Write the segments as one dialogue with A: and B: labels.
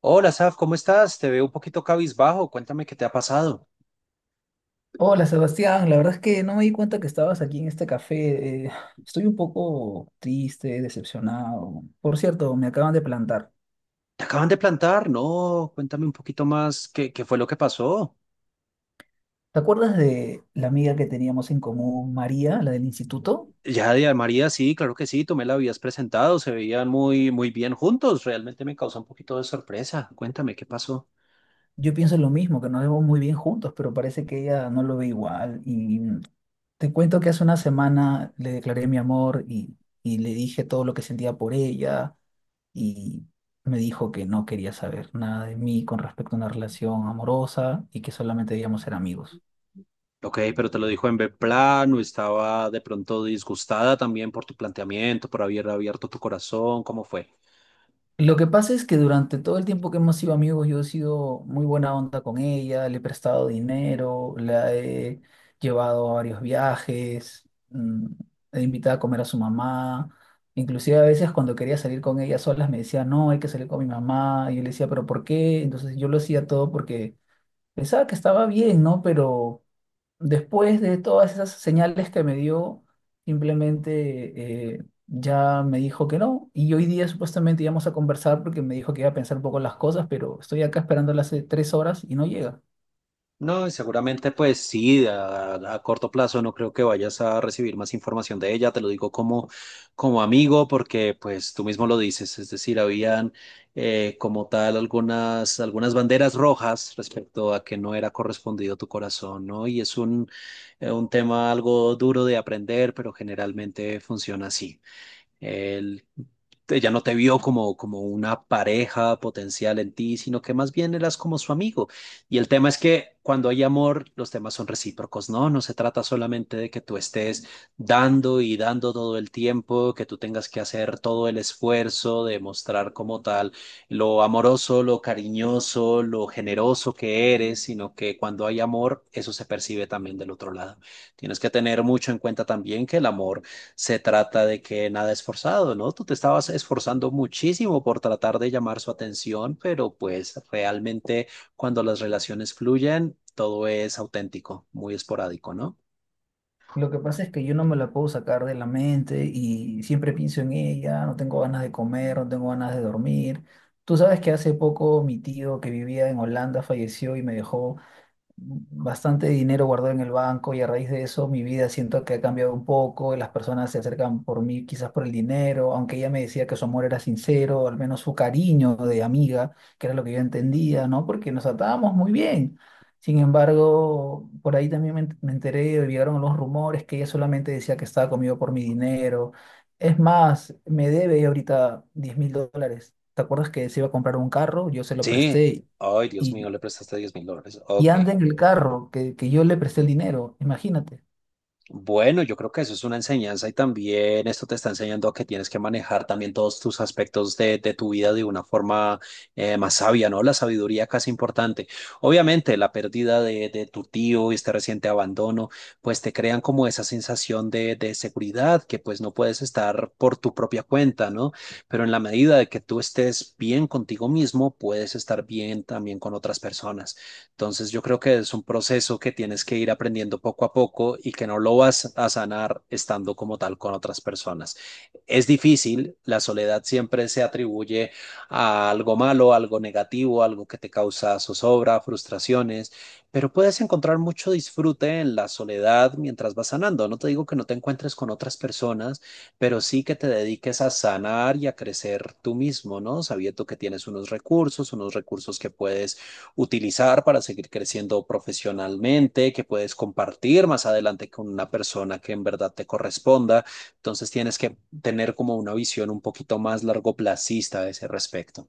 A: Hola, Saf, ¿cómo estás? Te veo un poquito cabizbajo. Cuéntame qué te ha pasado.
B: Hola Sebastián, la verdad es que no me di cuenta que estabas aquí en este café. Estoy un poco triste, decepcionado. Por cierto, me acaban de plantar.
A: Te acaban de plantar, ¿no? Cuéntame un poquito más qué fue lo que pasó.
B: ¿Te acuerdas de la amiga que teníamos en común, María, la del instituto?
A: Ya de María, sí, claro que sí, tú me la habías presentado, se veían muy, muy bien juntos. Realmente me causó un poquito de sorpresa. Cuéntame qué pasó.
B: Yo pienso lo mismo, que nos vemos muy bien juntos, pero parece que ella no lo ve igual. Y Te cuento que hace una semana le declaré mi amor y le dije todo lo que sentía por ella y me dijo que no quería saber nada de mí con respecto a una relación amorosa y que solamente debíamos ser amigos.
A: Ok, pero te lo dijo en B plano, estaba de pronto disgustada también por tu planteamiento, por haber abierto tu corazón. ¿Cómo fue?
B: Lo que pasa es que durante todo el tiempo que hemos sido amigos, yo he sido muy buena onda con ella, le he prestado dinero, la he llevado a varios viajes, mm, he invitado a comer a su mamá. Inclusive a veces cuando quería salir con ella solas me decía, no, hay que salir con mi mamá. Y yo le decía, pero ¿por qué? Entonces yo lo hacía todo porque pensaba que estaba bien, ¿no? Pero después de todas esas señales que me dio, simplemente ya me dijo que no. Y hoy día supuestamente íbamos a conversar porque me dijo que iba a pensar un poco las cosas, pero estoy acá esperándola hace 3 horas y no llega.
A: No, y seguramente pues sí, a corto plazo no creo que vayas a recibir más información de ella, te lo digo como, como amigo porque pues tú mismo lo dices, es decir, habían como tal algunas, algunas banderas rojas respecto a que no era correspondido tu corazón, ¿no? Y es un un tema algo duro de aprender, pero generalmente funciona así. Él, ella no te vio como, como una pareja potencial en ti, sino que más bien eras como su amigo. Y el tema es que cuando hay amor, los temas son recíprocos, ¿no? No se trata solamente de que tú estés dando y dando todo el tiempo, que tú tengas que hacer todo el esfuerzo de mostrar como tal lo amoroso, lo cariñoso, lo generoso que eres, sino que cuando hay amor, eso se percibe también del otro lado. Tienes que tener mucho en cuenta también que el amor se trata de que nada es forzado, ¿no? Tú te estabas esforzando muchísimo por tratar de llamar su atención, pero pues realmente cuando las relaciones fluyen, todo es auténtico, muy esporádico, ¿no?
B: Lo que pasa es que yo no me la puedo sacar de la mente y siempre pienso en ella, no tengo ganas de comer, no tengo ganas de dormir. Tú sabes que hace poco mi tío que vivía en Holanda falleció y me dejó bastante dinero guardado en el banco y a raíz de eso mi vida siento que ha cambiado un poco, las personas se acercan por mí quizás por el dinero, aunque ella me decía que su amor era sincero, al menos su cariño de amiga, que era lo que yo entendía, ¿no? Porque nos atábamos muy bien. Sin embargo, por ahí también me enteré, llegaron los rumores que ella solamente decía que estaba conmigo por mi dinero. Es más, me debe ahorita 10.000 dólares. ¿Te acuerdas que se iba a comprar un carro? Yo se lo
A: Sí.
B: presté.
A: Ay, Dios mío,
B: Y
A: le prestaste $10,000.
B: y
A: Ok.
B: anda en el carro que yo le presté el dinero, imagínate.
A: Bueno, yo creo que eso es una enseñanza y también esto te está enseñando a que tienes que manejar también todos tus aspectos de tu vida de una forma más sabia, ¿no? La sabiduría casi importante. Obviamente, la pérdida de tu tío y este reciente abandono, pues te crean como esa sensación de seguridad que pues no puedes estar por tu propia cuenta, ¿no? Pero en la medida de que tú estés bien contigo mismo, puedes estar bien también con otras personas. Entonces yo creo que es un proceso que tienes que ir aprendiendo poco a poco y que no lo vas a sanar estando como tal con otras personas. Es difícil, la soledad siempre se atribuye a algo malo, algo negativo, algo que te causa zozobra, frustraciones, pero puedes encontrar mucho disfrute en la soledad mientras vas sanando. No te digo que no te encuentres con otras personas, pero sí que te dediques a sanar y a crecer tú mismo, ¿no? Sabiendo que tienes unos recursos que puedes utilizar para seguir creciendo profesionalmente, que puedes compartir más adelante con una persona que en verdad te corresponda. Entonces tienes que tener como una visión un poquito más largoplacista a ese respecto.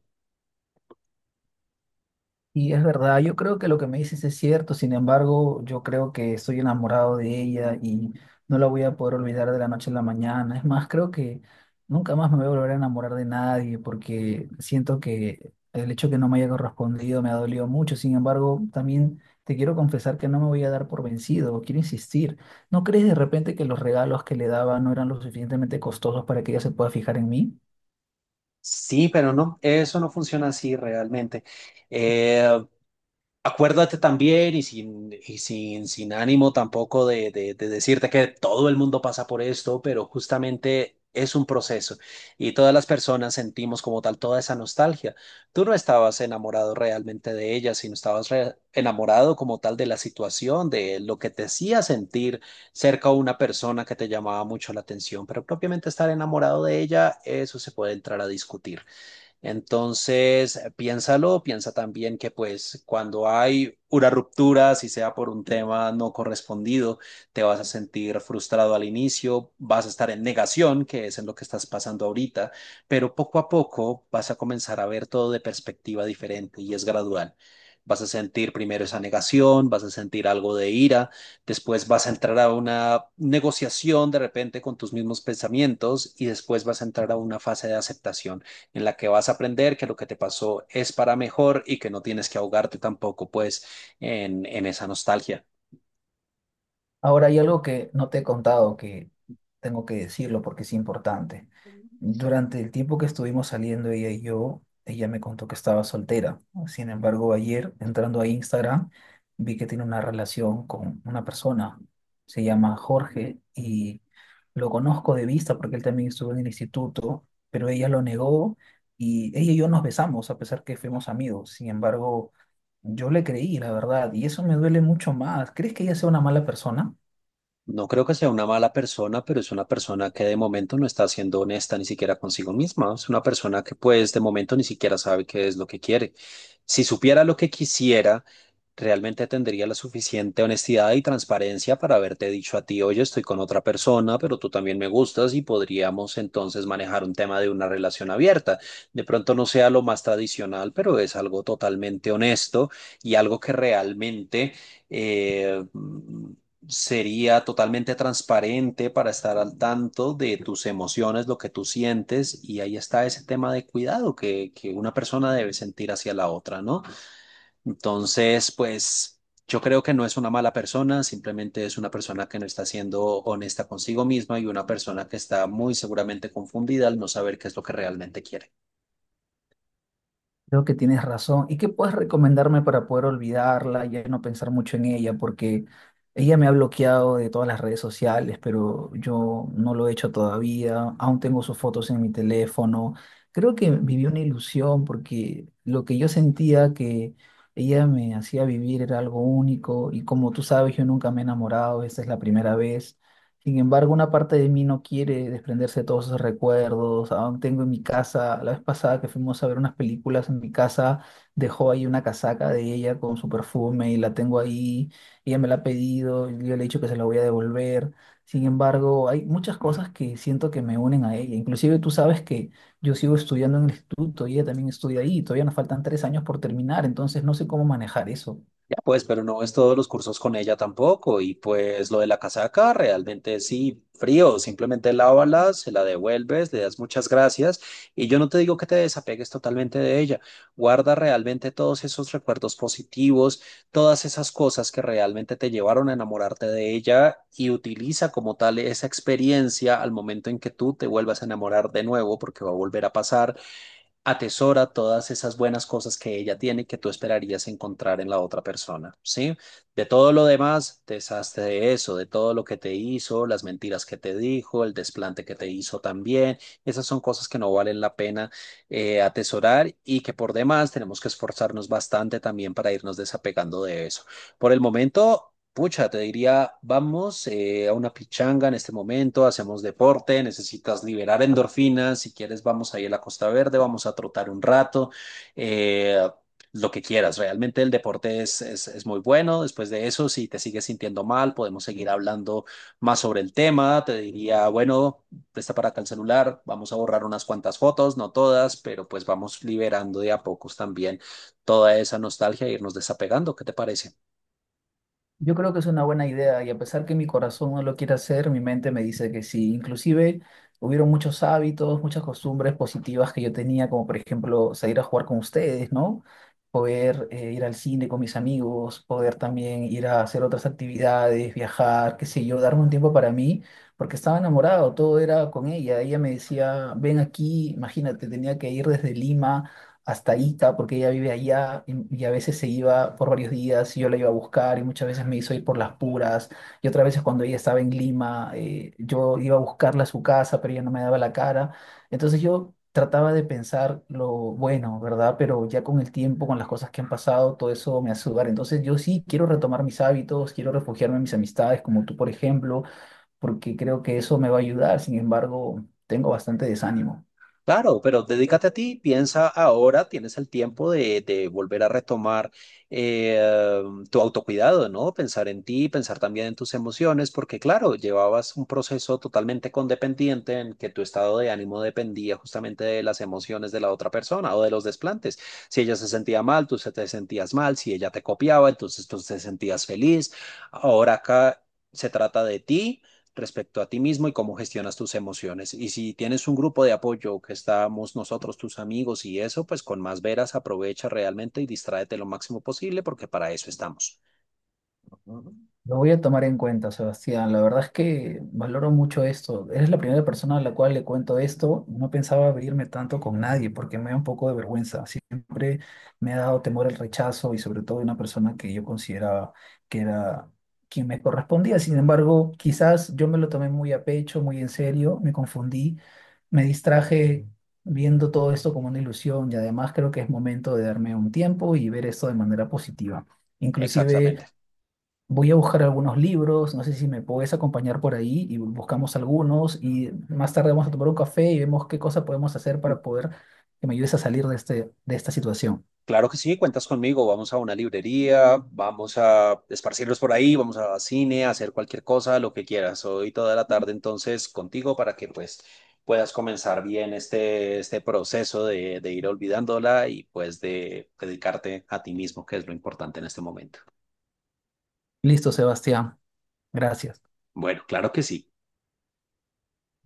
B: Y es verdad, yo creo que lo que me dices es cierto, sin embargo, yo creo que estoy enamorado de ella y no la voy a poder olvidar de la noche a la mañana. Es más, creo que nunca más me voy a volver a enamorar de nadie porque siento que el hecho que no me haya correspondido me ha dolido mucho. Sin embargo, también te quiero confesar que no me voy a dar por vencido, quiero insistir. ¿No crees de repente que los regalos que le daba no eran lo suficientemente costosos para que ella se pueda fijar en mí?
A: Sí, pero no, eso no funciona así realmente. Eh, Acuérdate también sin ánimo tampoco de decirte que todo el mundo pasa por esto, pero justamente es un proceso y todas las personas sentimos como tal toda esa nostalgia. Tú no estabas enamorado realmente de ella, sino estabas enamorado como tal de la situación, de lo que te hacía sentir cerca a una persona que te llamaba mucho la atención, pero propiamente estar enamorado de ella, eso se puede entrar a discutir. Entonces, piénsalo, piensa también que pues cuando hay una ruptura, si sea por un tema no correspondido, te vas a sentir frustrado al inicio, vas a estar en negación, que es en lo que estás pasando ahorita, pero poco a poco vas a comenzar a ver todo de perspectiva diferente y es gradual. Vas a sentir primero esa negación, vas a sentir algo de ira, después vas a entrar a una negociación de repente con tus mismos pensamientos y después vas a entrar a una fase de aceptación en la que vas a aprender que lo que te pasó es para mejor y que no tienes que ahogarte tampoco pues en esa nostalgia.
B: Ahora hay algo que no te he contado, que tengo que decirlo porque es importante. Durante el tiempo que estuvimos saliendo ella y yo, ella me contó que estaba soltera. Sin embargo, ayer entrando a Instagram, vi que tiene una relación con una persona. Se llama Jorge y lo conozco de vista porque él también estuvo en el instituto, pero ella lo negó, y ella y yo nos besamos a pesar que fuimos amigos. Sin embargo, yo le creí, la verdad, y eso me duele mucho más. ¿Crees que ella sea una mala persona?
A: No creo que sea una mala persona, pero es una persona que de momento no está siendo honesta ni siquiera consigo misma. Es una persona que pues de momento ni siquiera sabe qué es lo que quiere. Si supiera lo que quisiera, realmente tendría la suficiente honestidad y transparencia para haberte dicho a ti, oye, estoy con otra persona, pero tú también me gustas y podríamos entonces manejar un tema de una relación abierta. De pronto no sea lo más tradicional, pero es algo totalmente honesto y algo que realmente… eh, sería totalmente transparente para estar al tanto de tus emociones, lo que tú sientes, y ahí está ese tema de cuidado que una persona debe sentir hacia la otra, ¿no? Entonces, pues yo creo que no es una mala persona, simplemente es una persona que no está siendo honesta consigo misma y una persona que está muy seguramente confundida al no saber qué es lo que realmente quiere.
B: Creo que tienes razón. ¿Y qué puedes recomendarme para poder olvidarla y ya no pensar mucho en ella? Porque ella me ha bloqueado de todas las redes sociales, pero yo no lo he hecho todavía. Aún tengo sus fotos en mi teléfono. Creo que viví una ilusión porque lo que yo sentía que ella me hacía vivir era algo único y como tú sabes, yo nunca me he enamorado, esta es la primera vez. Sin embargo, una parte de mí no quiere desprenderse de todos esos recuerdos. Aún tengo en mi casa, la vez pasada que fuimos a ver unas películas en mi casa, dejó ahí una casaca de ella con su perfume y la tengo ahí. Ella me la ha pedido, y yo le he dicho que se la voy a devolver. Sin embargo, hay muchas cosas que siento que me unen a ella. Inclusive tú sabes que yo sigo estudiando en el instituto y ella también estudia ahí. Todavía nos faltan 3 años por terminar, entonces no sé cómo manejar eso.
A: Ya pues, pero no ves todos los cursos con ella tampoco. Y pues lo de la casaca, realmente sí, frío. Simplemente lávala, se la devuelves, le das muchas gracias. Y yo no te digo que te desapegues totalmente de ella. Guarda realmente todos esos recuerdos positivos, todas esas cosas que realmente te llevaron a enamorarte de ella y utiliza como tal esa experiencia al momento en que tú te vuelvas a enamorar de nuevo, porque va a volver a pasar atesora todas esas buenas cosas que ella tiene que tú esperarías encontrar en la otra persona, ¿sí? De todo lo demás, deshazte de eso, de todo lo que te hizo, las mentiras que te dijo, el desplante que te hizo también, esas son cosas que no valen la pena atesorar y que por demás tenemos que esforzarnos bastante también para irnos desapegando de eso. Por el momento… Pucha, te diría, vamos a una pichanga en este momento, hacemos deporte, necesitas liberar endorfinas, si quieres vamos ahí a la Costa Verde, vamos a trotar un rato, eh, lo que quieras, realmente el deporte es muy bueno, después de eso, si te sigues sintiendo mal, podemos seguir hablando más sobre el tema, te diría, bueno, presta para acá el celular, vamos a borrar unas cuantas fotos, no todas, pero pues vamos liberando de a pocos también toda esa nostalgia e irnos desapegando, ¿qué te parece?
B: Yo creo que es una buena idea y a pesar que mi corazón no lo quiere hacer, mi mente me dice que sí. Inclusive hubieron muchos hábitos, muchas costumbres positivas que yo tenía, como por ejemplo salir a jugar con ustedes, ¿no? Poder ir al cine con mis amigos, poder también ir a hacer otras actividades, viajar, qué sé yo, darme un tiempo para mí, porque estaba enamorado, todo era con ella. Ella me decía, ven aquí, imagínate, tenía que ir desde Lima hasta Ica, porque ella vive allá y a veces se iba por varios días y yo la iba a buscar y muchas veces me hizo ir por las puras y otras veces cuando ella estaba en Lima, yo iba a buscarla a su casa, pero ella no me daba la cara. Entonces yo trataba de pensar lo bueno, ¿verdad? Pero ya con el tiempo, con las cosas que han pasado, todo eso me hace dudar. Entonces yo sí quiero retomar mis hábitos, quiero refugiarme en mis amistades, como tú, por ejemplo, porque creo que eso me va a ayudar. Sin embargo, tengo bastante desánimo.
A: Claro, pero dedícate a ti, piensa ahora, tienes el tiempo de volver a retomar eh, tu autocuidado, ¿no? Pensar en ti, pensar también en tus emociones, porque claro, llevabas un proceso totalmente condependiente en que tu estado de ánimo dependía justamente de las emociones de la otra persona o de los desplantes. Si ella se sentía mal, tú se te sentías mal, si ella te copiaba, entonces tú te sentías feliz. Ahora acá se trata de ti respecto a ti mismo y cómo gestionas tus emociones. Y si tienes un grupo de apoyo que estamos nosotros, tus amigos y eso, pues con más veras aprovecha realmente y distráete lo máximo posible porque para eso estamos.
B: Lo voy a tomar en cuenta, Sebastián. La verdad es que valoro mucho esto. Eres la primera persona a la cual le cuento esto. No pensaba abrirme tanto con nadie porque me da un poco de vergüenza. Siempre me ha dado temor el rechazo y sobre todo de una persona que yo consideraba que era quien me correspondía. Sin embargo, quizás yo me lo tomé muy a pecho, muy en serio, me confundí, me distraje viendo todo esto como una ilusión y además creo que es momento de darme un tiempo y ver esto de manera positiva.
A: Exactamente.
B: Inclusive... voy a buscar algunos libros, no sé si me puedes acompañar por ahí y buscamos algunos y más tarde vamos a tomar un café y vemos qué cosa podemos hacer para poder que me ayudes a salir de de esta situación.
A: Claro que sí, cuentas conmigo. Vamos a una librería, vamos a esparcirnos por ahí, vamos a cine, a hacer cualquier cosa, lo que quieras. Hoy toda la tarde entonces contigo para que pues puedas comenzar bien este proceso de ir olvidándola y pues de dedicarte a ti mismo, que es lo importante en este momento.
B: Listo, Sebastián. Gracias.
A: Bueno, claro que sí.